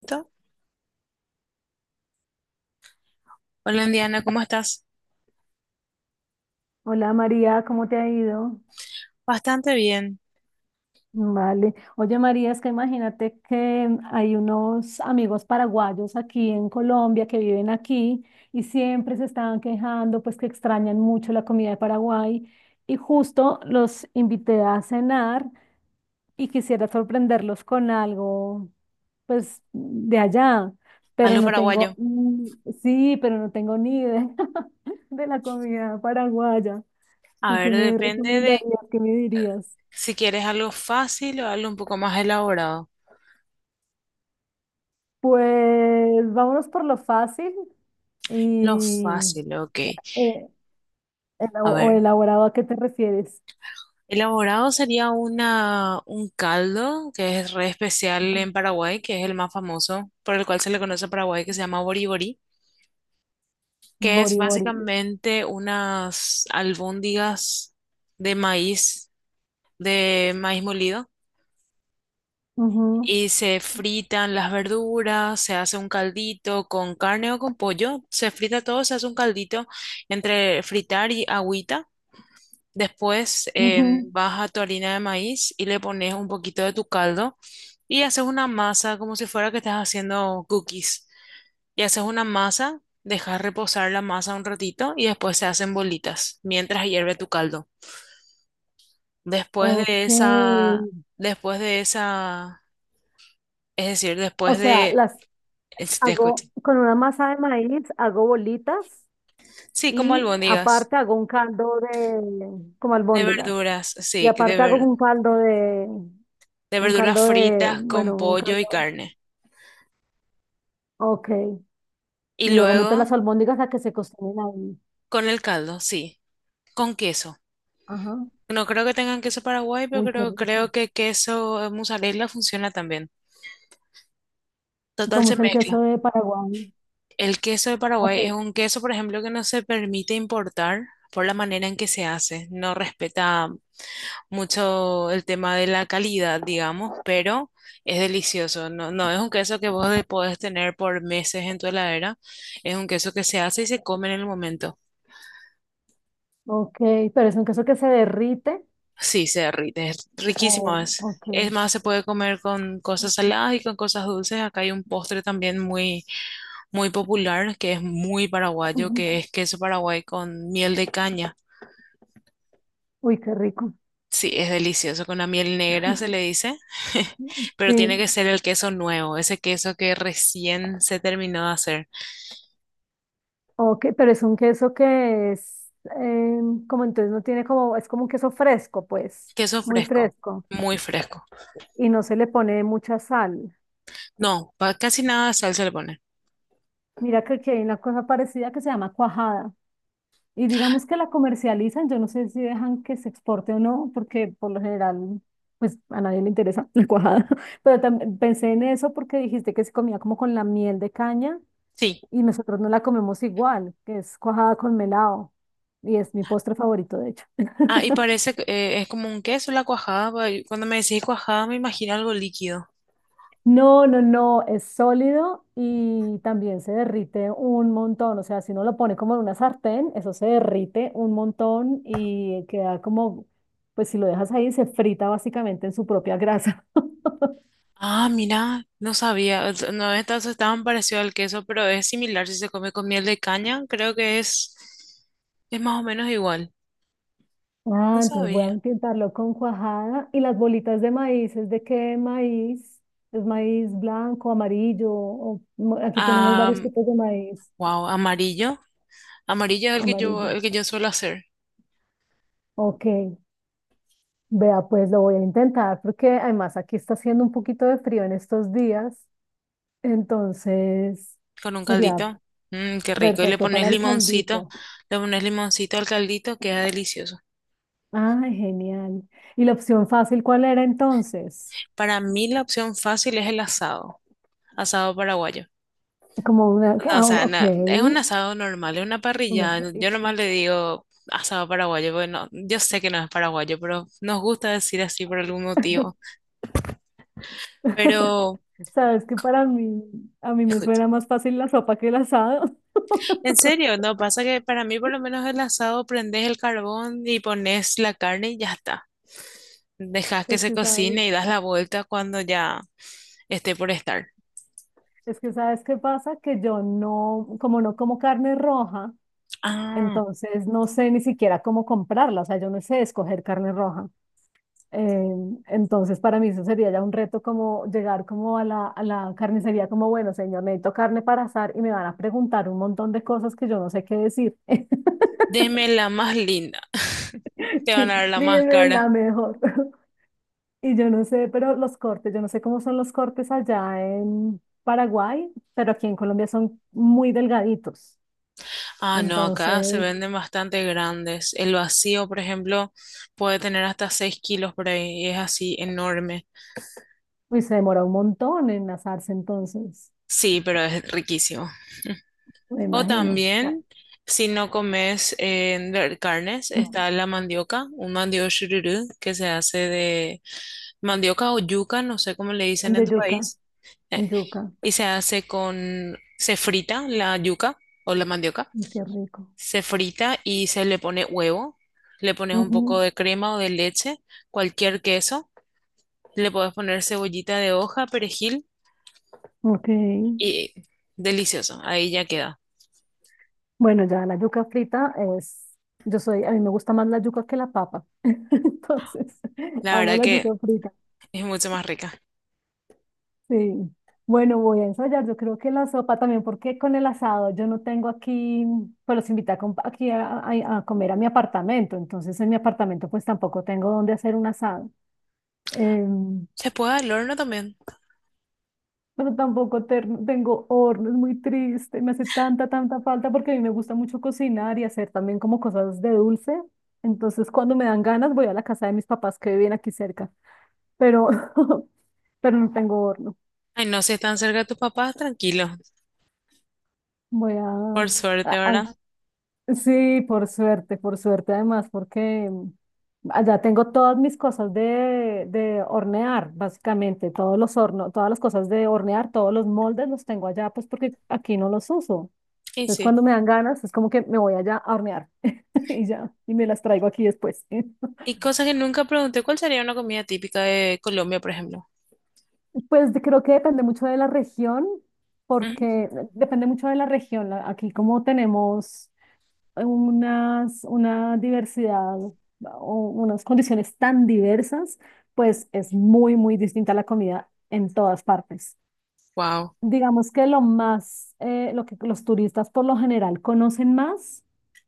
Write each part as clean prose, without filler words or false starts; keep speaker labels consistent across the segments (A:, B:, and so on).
A: Perfecto. Hola, Indiana, ¿cómo estás?
B: Hola María, ¿cómo te ha ido?
A: Bastante bien.
B: Vale. Oye María, es que imagínate que hay unos amigos paraguayos aquí en Colombia que viven aquí y siempre se estaban quejando, pues que extrañan mucho la comida de Paraguay y justo los invité a cenar y quisiera sorprenderlos con algo, pues de allá, pero
A: Algo
B: no
A: paraguayo.
B: tengo, ni- sí, pero no tengo ni idea de la comida paraguaya.
A: A
B: ¿Tú qué
A: ver,
B: me
A: depende de
B: recomendarías? ¿Qué me dirías?
A: si quieres algo fácil o algo un poco más elaborado.
B: Pues vámonos por lo fácil
A: Lo
B: y
A: fácil, ok.
B: eh,
A: A
B: o
A: ver,
B: elaborado a qué te refieres.
A: elaborado sería un caldo que es re especial
B: Ujú.
A: en Paraguay, que es el más famoso, por el cual se le conoce a Paraguay, que se llama boriborí, que es
B: Bori bori.
A: básicamente unas albóndigas de maíz, de maíz molido.
B: Ujú,
A: Y se fritan las verduras, se hace un caldito con carne o con pollo, se frita todo, se hace un caldito entre fritar y agüita. Después
B: ujú.
A: vas a tu harina de maíz y le pones un poquito de tu caldo y haces una masa como si fuera que estás haciendo cookies. Y haces una masa, dejas reposar la masa un ratito y después se hacen bolitas mientras hierve tu caldo. Después de
B: Ok.
A: esa, después de esa, es decir,
B: O
A: después
B: sea,
A: de,
B: las
A: es- Te escucho.
B: hago con una masa de maíz, hago bolitas
A: Sí, como
B: y
A: albóndigas
B: aparte hago un caldo de como
A: de
B: albóndigas.
A: verduras,
B: Y
A: sí,
B: aparte hago
A: de
B: un
A: verduras
B: caldo
A: fritas
B: de,
A: con
B: bueno, un
A: pollo y
B: caldo.
A: carne.
B: Ok.
A: Y
B: Y luego meto
A: luego
B: las albóndigas a que se cocinen ahí.
A: con el caldo, sí, con queso.
B: Ajá.
A: No creo que tengan queso Paraguay, pero
B: Uy, qué
A: creo,
B: rico.
A: creo que queso mozzarella funciona también.
B: ¿Y
A: Total,
B: ¿Cómo
A: se
B: es el queso
A: mezcla.
B: de Paraguay?
A: El queso de
B: Ok,
A: Paraguay es un queso, por ejemplo, que no se permite importar por la manera en que se hace. No respeta mucho el tema de la calidad, digamos, pero es delicioso. No, no es un queso que podés tener por meses en tu heladera, es un queso que se hace y se come en el momento.
B: ok, pero es un queso que se derrite.
A: Sí, se derrite, es riquísimo.
B: Oh, ok.
A: Es más, se puede comer con cosas saladas y con cosas dulces. Acá hay un postre también muy, muy popular que es muy paraguayo,
B: Ujú.
A: que es queso paraguay con miel de caña.
B: Uy, qué rico.
A: Sí, es delicioso. Con la miel negra se le dice, pero tiene
B: Sí,
A: que ser el queso nuevo, ese queso que recién se terminó de hacer.
B: ok, pero es un queso que es eh, como entonces no tiene como, es como un queso fresco, pues,
A: Queso
B: muy
A: fresco,
B: fresco.
A: muy fresco.
B: Y no se le pone mucha sal.
A: No, casi nada de sal se le pone.
B: Mira que aquí hay una cosa parecida que se llama cuajada. Y digamos que la comercializan, yo no sé si dejan que se exporte o no, porque por lo general, pues a nadie le interesa la cuajada. Pero también pensé en eso porque dijiste que se comía como con la miel de caña
A: Sí.
B: y nosotros no la comemos igual, que es cuajada con melado. Y es mi postre favorito, de hecho.
A: Ah, y parece que es como un queso la cuajada. Cuando me decís cuajada me imagino algo líquido.
B: No, no, no, es sólido y también se derrite un montón. O sea, si uno lo pone como en una sartén, eso se derrite un montón y queda como, pues si lo dejas ahí, se frita básicamente en su propia grasa.
A: Ah, mira, no sabía. O sea, no, estas estaban parecido al queso, pero es similar si se come con miel de caña. Es más o menos igual. No
B: Ah, entonces voy a
A: sabía.
B: intentarlo con cuajada. ¿Y las bolitas de maíz? ¿Es de qué maíz? ¿Es maíz blanco, amarillo? Aquí tenemos
A: Ah,
B: varios tipos de maíz
A: wow, amarillo. Amarillo es
B: amarillo.
A: el que yo suelo hacer
B: Ok. Vea, pues lo voy a intentar porque además aquí está haciendo un poquito de frío en estos días, entonces
A: con un
B: sería
A: caldito. Mm, qué rico. Y
B: perfecto para el caldito.
A: le pones limoncito al caldito, queda delicioso.
B: Ah, genial. ¿Y la opción fácil cuál era entonces?
A: Para mí la opción fácil es el asado, asado paraguayo.
B: Como una,
A: No, o
B: ah,
A: sea, no,
B: ok,
A: es un asado normal, es una
B: una,
A: parrilla. Yo nomás le digo asado paraguayo, porque yo sé que no es paraguayo, pero nos gusta decir así por algún motivo. Pero,
B: sabes que para mí, a mí me
A: escucha,
B: suena más fácil la sopa que el asado.
A: en serio, no pasa que para mí por lo menos el asado prendes el carbón y pones la carne y ya está. Dejas que
B: Es
A: se
B: que sabes,
A: cocine y das la vuelta cuando ya esté por estar.
B: es que sabes qué pasa, que yo no, como no como carne roja,
A: Ah,
B: entonces no sé ni siquiera cómo comprarla, o sea, yo no sé escoger carne roja. Eh, entonces para mí eso sería ya un reto como llegar como a a la carnicería como, bueno, señor, necesito carne para asar y me van a preguntar un montón de cosas que yo no sé qué decir.
A: deme la más linda. Te van
B: Sí,
A: a dar la más
B: dime
A: cara.
B: la mejor. Y yo no sé, pero los cortes, yo no sé cómo son los cortes allá en Paraguay, pero aquí en Colombia son muy delgaditos.
A: Ah, no,
B: Entonces,
A: acá se venden bastante grandes. El vacío, por ejemplo, puede tener hasta 6 kilos por ahí. Y es así enorme.
B: uy, se demora un montón en asarse entonces,
A: Sí, pero es riquísimo.
B: me
A: O
B: imagino. Ah,
A: también, si no comes carnes, está la mandioca, un mandioca shururu que se hace de mandioca o yuca, no sé cómo le dicen
B: de
A: en tu
B: yuca,
A: país.
B: yuca,
A: Y se frita la yuca o la mandioca,
B: y qué rico.
A: se frita y se le pone huevo, le pones un poco
B: Ujú,
A: de crema o de leche, cualquier queso, le puedes poner cebollita de hoja, perejil
B: ok,
A: y delicioso, ahí ya queda.
B: bueno, ya la yuca frita es, yo soy, a mí me gusta más la yuca que la papa, entonces
A: La
B: amo
A: verdad
B: la
A: que
B: yuca frita,
A: es mucho más rica.
B: sí. Bueno, voy a ensayar, yo creo que la sopa también, porque con el asado yo no tengo aquí, pues los invité a com- aquí a comer a mi apartamento, entonces en mi apartamento pues tampoco tengo dónde hacer un asado. Em,
A: Se puede al horno también.
B: pero tampoco ter- tengo horno, es muy triste, me hace tanta, tanta falta porque a mí me gusta mucho cocinar y hacer también como cosas de dulce. Entonces, cuando me dan ganas, voy a la casa de mis papás que viven aquí cerca, pero, pero no tengo horno.
A: Ay, no, si están cerca de tus papás, tranquilo,
B: Voy
A: por suerte, ¿verdad?
B: a- Sí, por suerte además, porque allá tengo todas mis cosas de hornear, básicamente, todos los hornos, todas las cosas de hornear, todos los moldes los tengo allá, pues porque aquí no los uso.
A: Y
B: Entonces,
A: sí.
B: cuando me dan ganas, es como que me voy allá a hornear y ya, y me las traigo aquí después.
A: Y cosas que nunca pregunté, ¿cuál sería una comida típica de Colombia, por ejemplo?
B: Creo que depende mucho de la región, porque depende mucho de la región. Aquí como tenemos unas, una diversidad o unas condiciones tan diversas, pues es muy, muy distinta la comida en todas partes.
A: Wow.
B: Digamos que lo más, lo que los turistas por lo general conocen más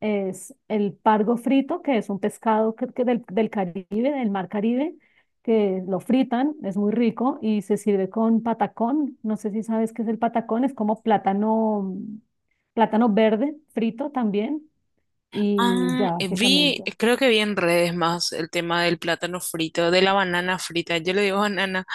B: es el pargo frito, que es un pescado que del, del Caribe, del mar Caribe, que lo fritan, es muy rico y se sirve con patacón. No sé si sabes qué es el patacón, es como plátano, plátano verde frito también y
A: Ah,
B: ya
A: vi,
B: básicamente.
A: creo que vi en redes más el tema del plátano frito, de la banana frita. Yo le digo banana,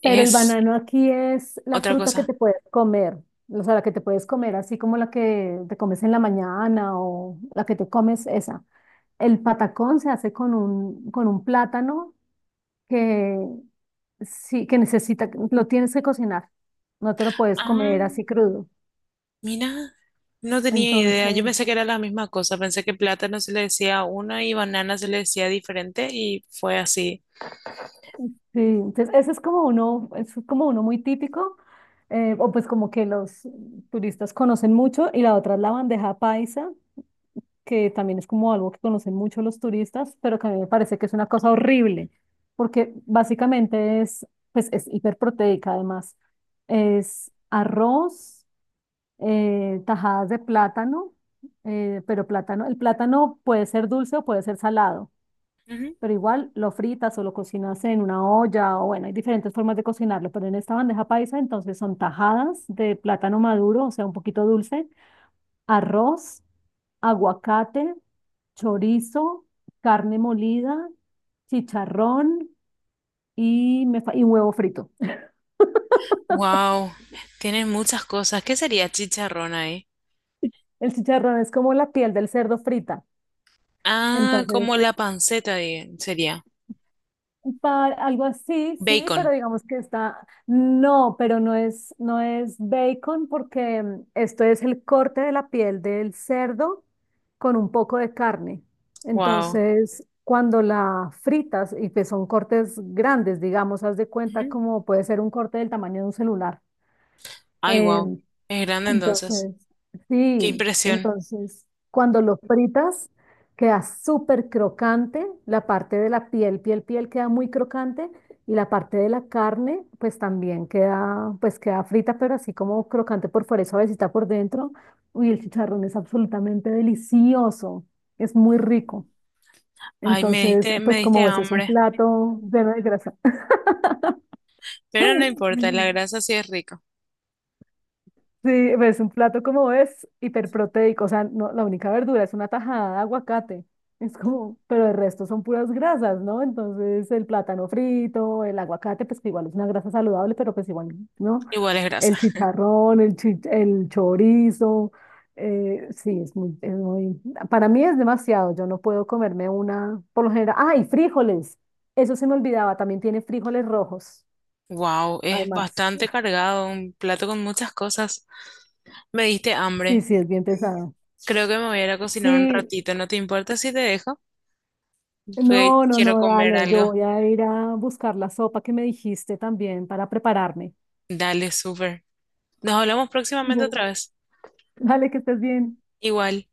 B: Pero el
A: es
B: banano aquí es la
A: otra
B: fruta que
A: cosa.
B: te puedes comer, o sea, la que te puedes comer, así como la que te comes en la mañana o la que te comes esa. El patacón se hace con un plátano que sí, que necesita, lo tienes que cocinar, no te lo puedes
A: Ah,
B: comer así crudo.
A: mira, no tenía idea. Yo
B: Entonces,
A: pensé que era la misma cosa. Pensé que plátano se le decía a uno y banana se le decía diferente y fue así.
B: sí, entonces ese es como uno muy típico, o pues como que los turistas conocen mucho, y la otra es la bandeja paisa que también es como algo que conocen mucho los turistas, pero que a mí me parece que es una cosa horrible, porque básicamente es, pues es hiperproteica además. Es arroz, tajadas de plátano, pero plátano, el plátano puede ser dulce o puede ser salado, pero igual lo fritas o lo cocinas en una olla, o bueno, hay diferentes formas de cocinarlo, pero en esta bandeja paisa entonces son tajadas de plátano maduro, o sea, un poquito dulce, arroz, aguacate, chorizo, carne molida, chicharrón y huevo frito.
A: Wow, tienes muchas cosas. ¿Qué sería chicharrón ahí?
B: El chicharrón es como la piel del cerdo frita.
A: Ah,
B: Entonces,
A: como la panceta sería.
B: para algo así, sí, pero
A: Bacon.
B: digamos que está, no, pero no es, no es bacon porque esto es el corte de la piel del cerdo con un poco de carne.
A: Wow.
B: Entonces, cuando la fritas, y que son cortes grandes, digamos, haz de cuenta como puede ser un corte del tamaño de un celular.
A: Ay, wow.
B: em,
A: Es grande entonces.
B: entonces,
A: Qué
B: sí,
A: impresión.
B: entonces cuando lo fritas queda súper crocante, la parte de la piel, piel queda muy crocante y la parte de la carne pues también queda, pues queda frita, pero así como crocante por fuera y suavecita por dentro. Uy, el chicharrón es absolutamente delicioso, es muy rico.
A: Ay,
B: Entonces,
A: me
B: pues
A: diste
B: como ves, es un
A: hambre.
B: plato lleno de grasa.
A: Pero no importa, la grasa sí es rica.
B: Sí, pues un plato como es hiperproteico, o sea, no, la única verdura es una tajada de aguacate. Es como, pero el resto son puras grasas, ¿no? Entonces, el plátano frito, el aguacate, pues que igual es una grasa saludable, pero pues igual, ¿no?
A: Igual es grasa.
B: El chicharrón, el chorizo, sí, es muy, para mí es demasiado, yo no puedo comerme una, por lo general, ¡ay, frijoles! Eso se me olvidaba, también tiene frijoles rojos,
A: Wow, es
B: además.
A: bastante cargado, un plato con muchas cosas. Me diste
B: Sí,
A: hambre.
B: sí, es bien pesado.
A: Creo que me voy a ir a cocinar un
B: Sí,
A: ratito. ¿No te importa si te dejo? Porque
B: no, no,
A: quiero
B: no,
A: comer
B: dale, yo
A: algo.
B: voy a ir a buscar la sopa que me dijiste también para prepararme.
A: Dale, súper. Nos hablamos próximamente
B: Bueno.
A: otra vez.
B: Dale, que estés bien.
A: Igual.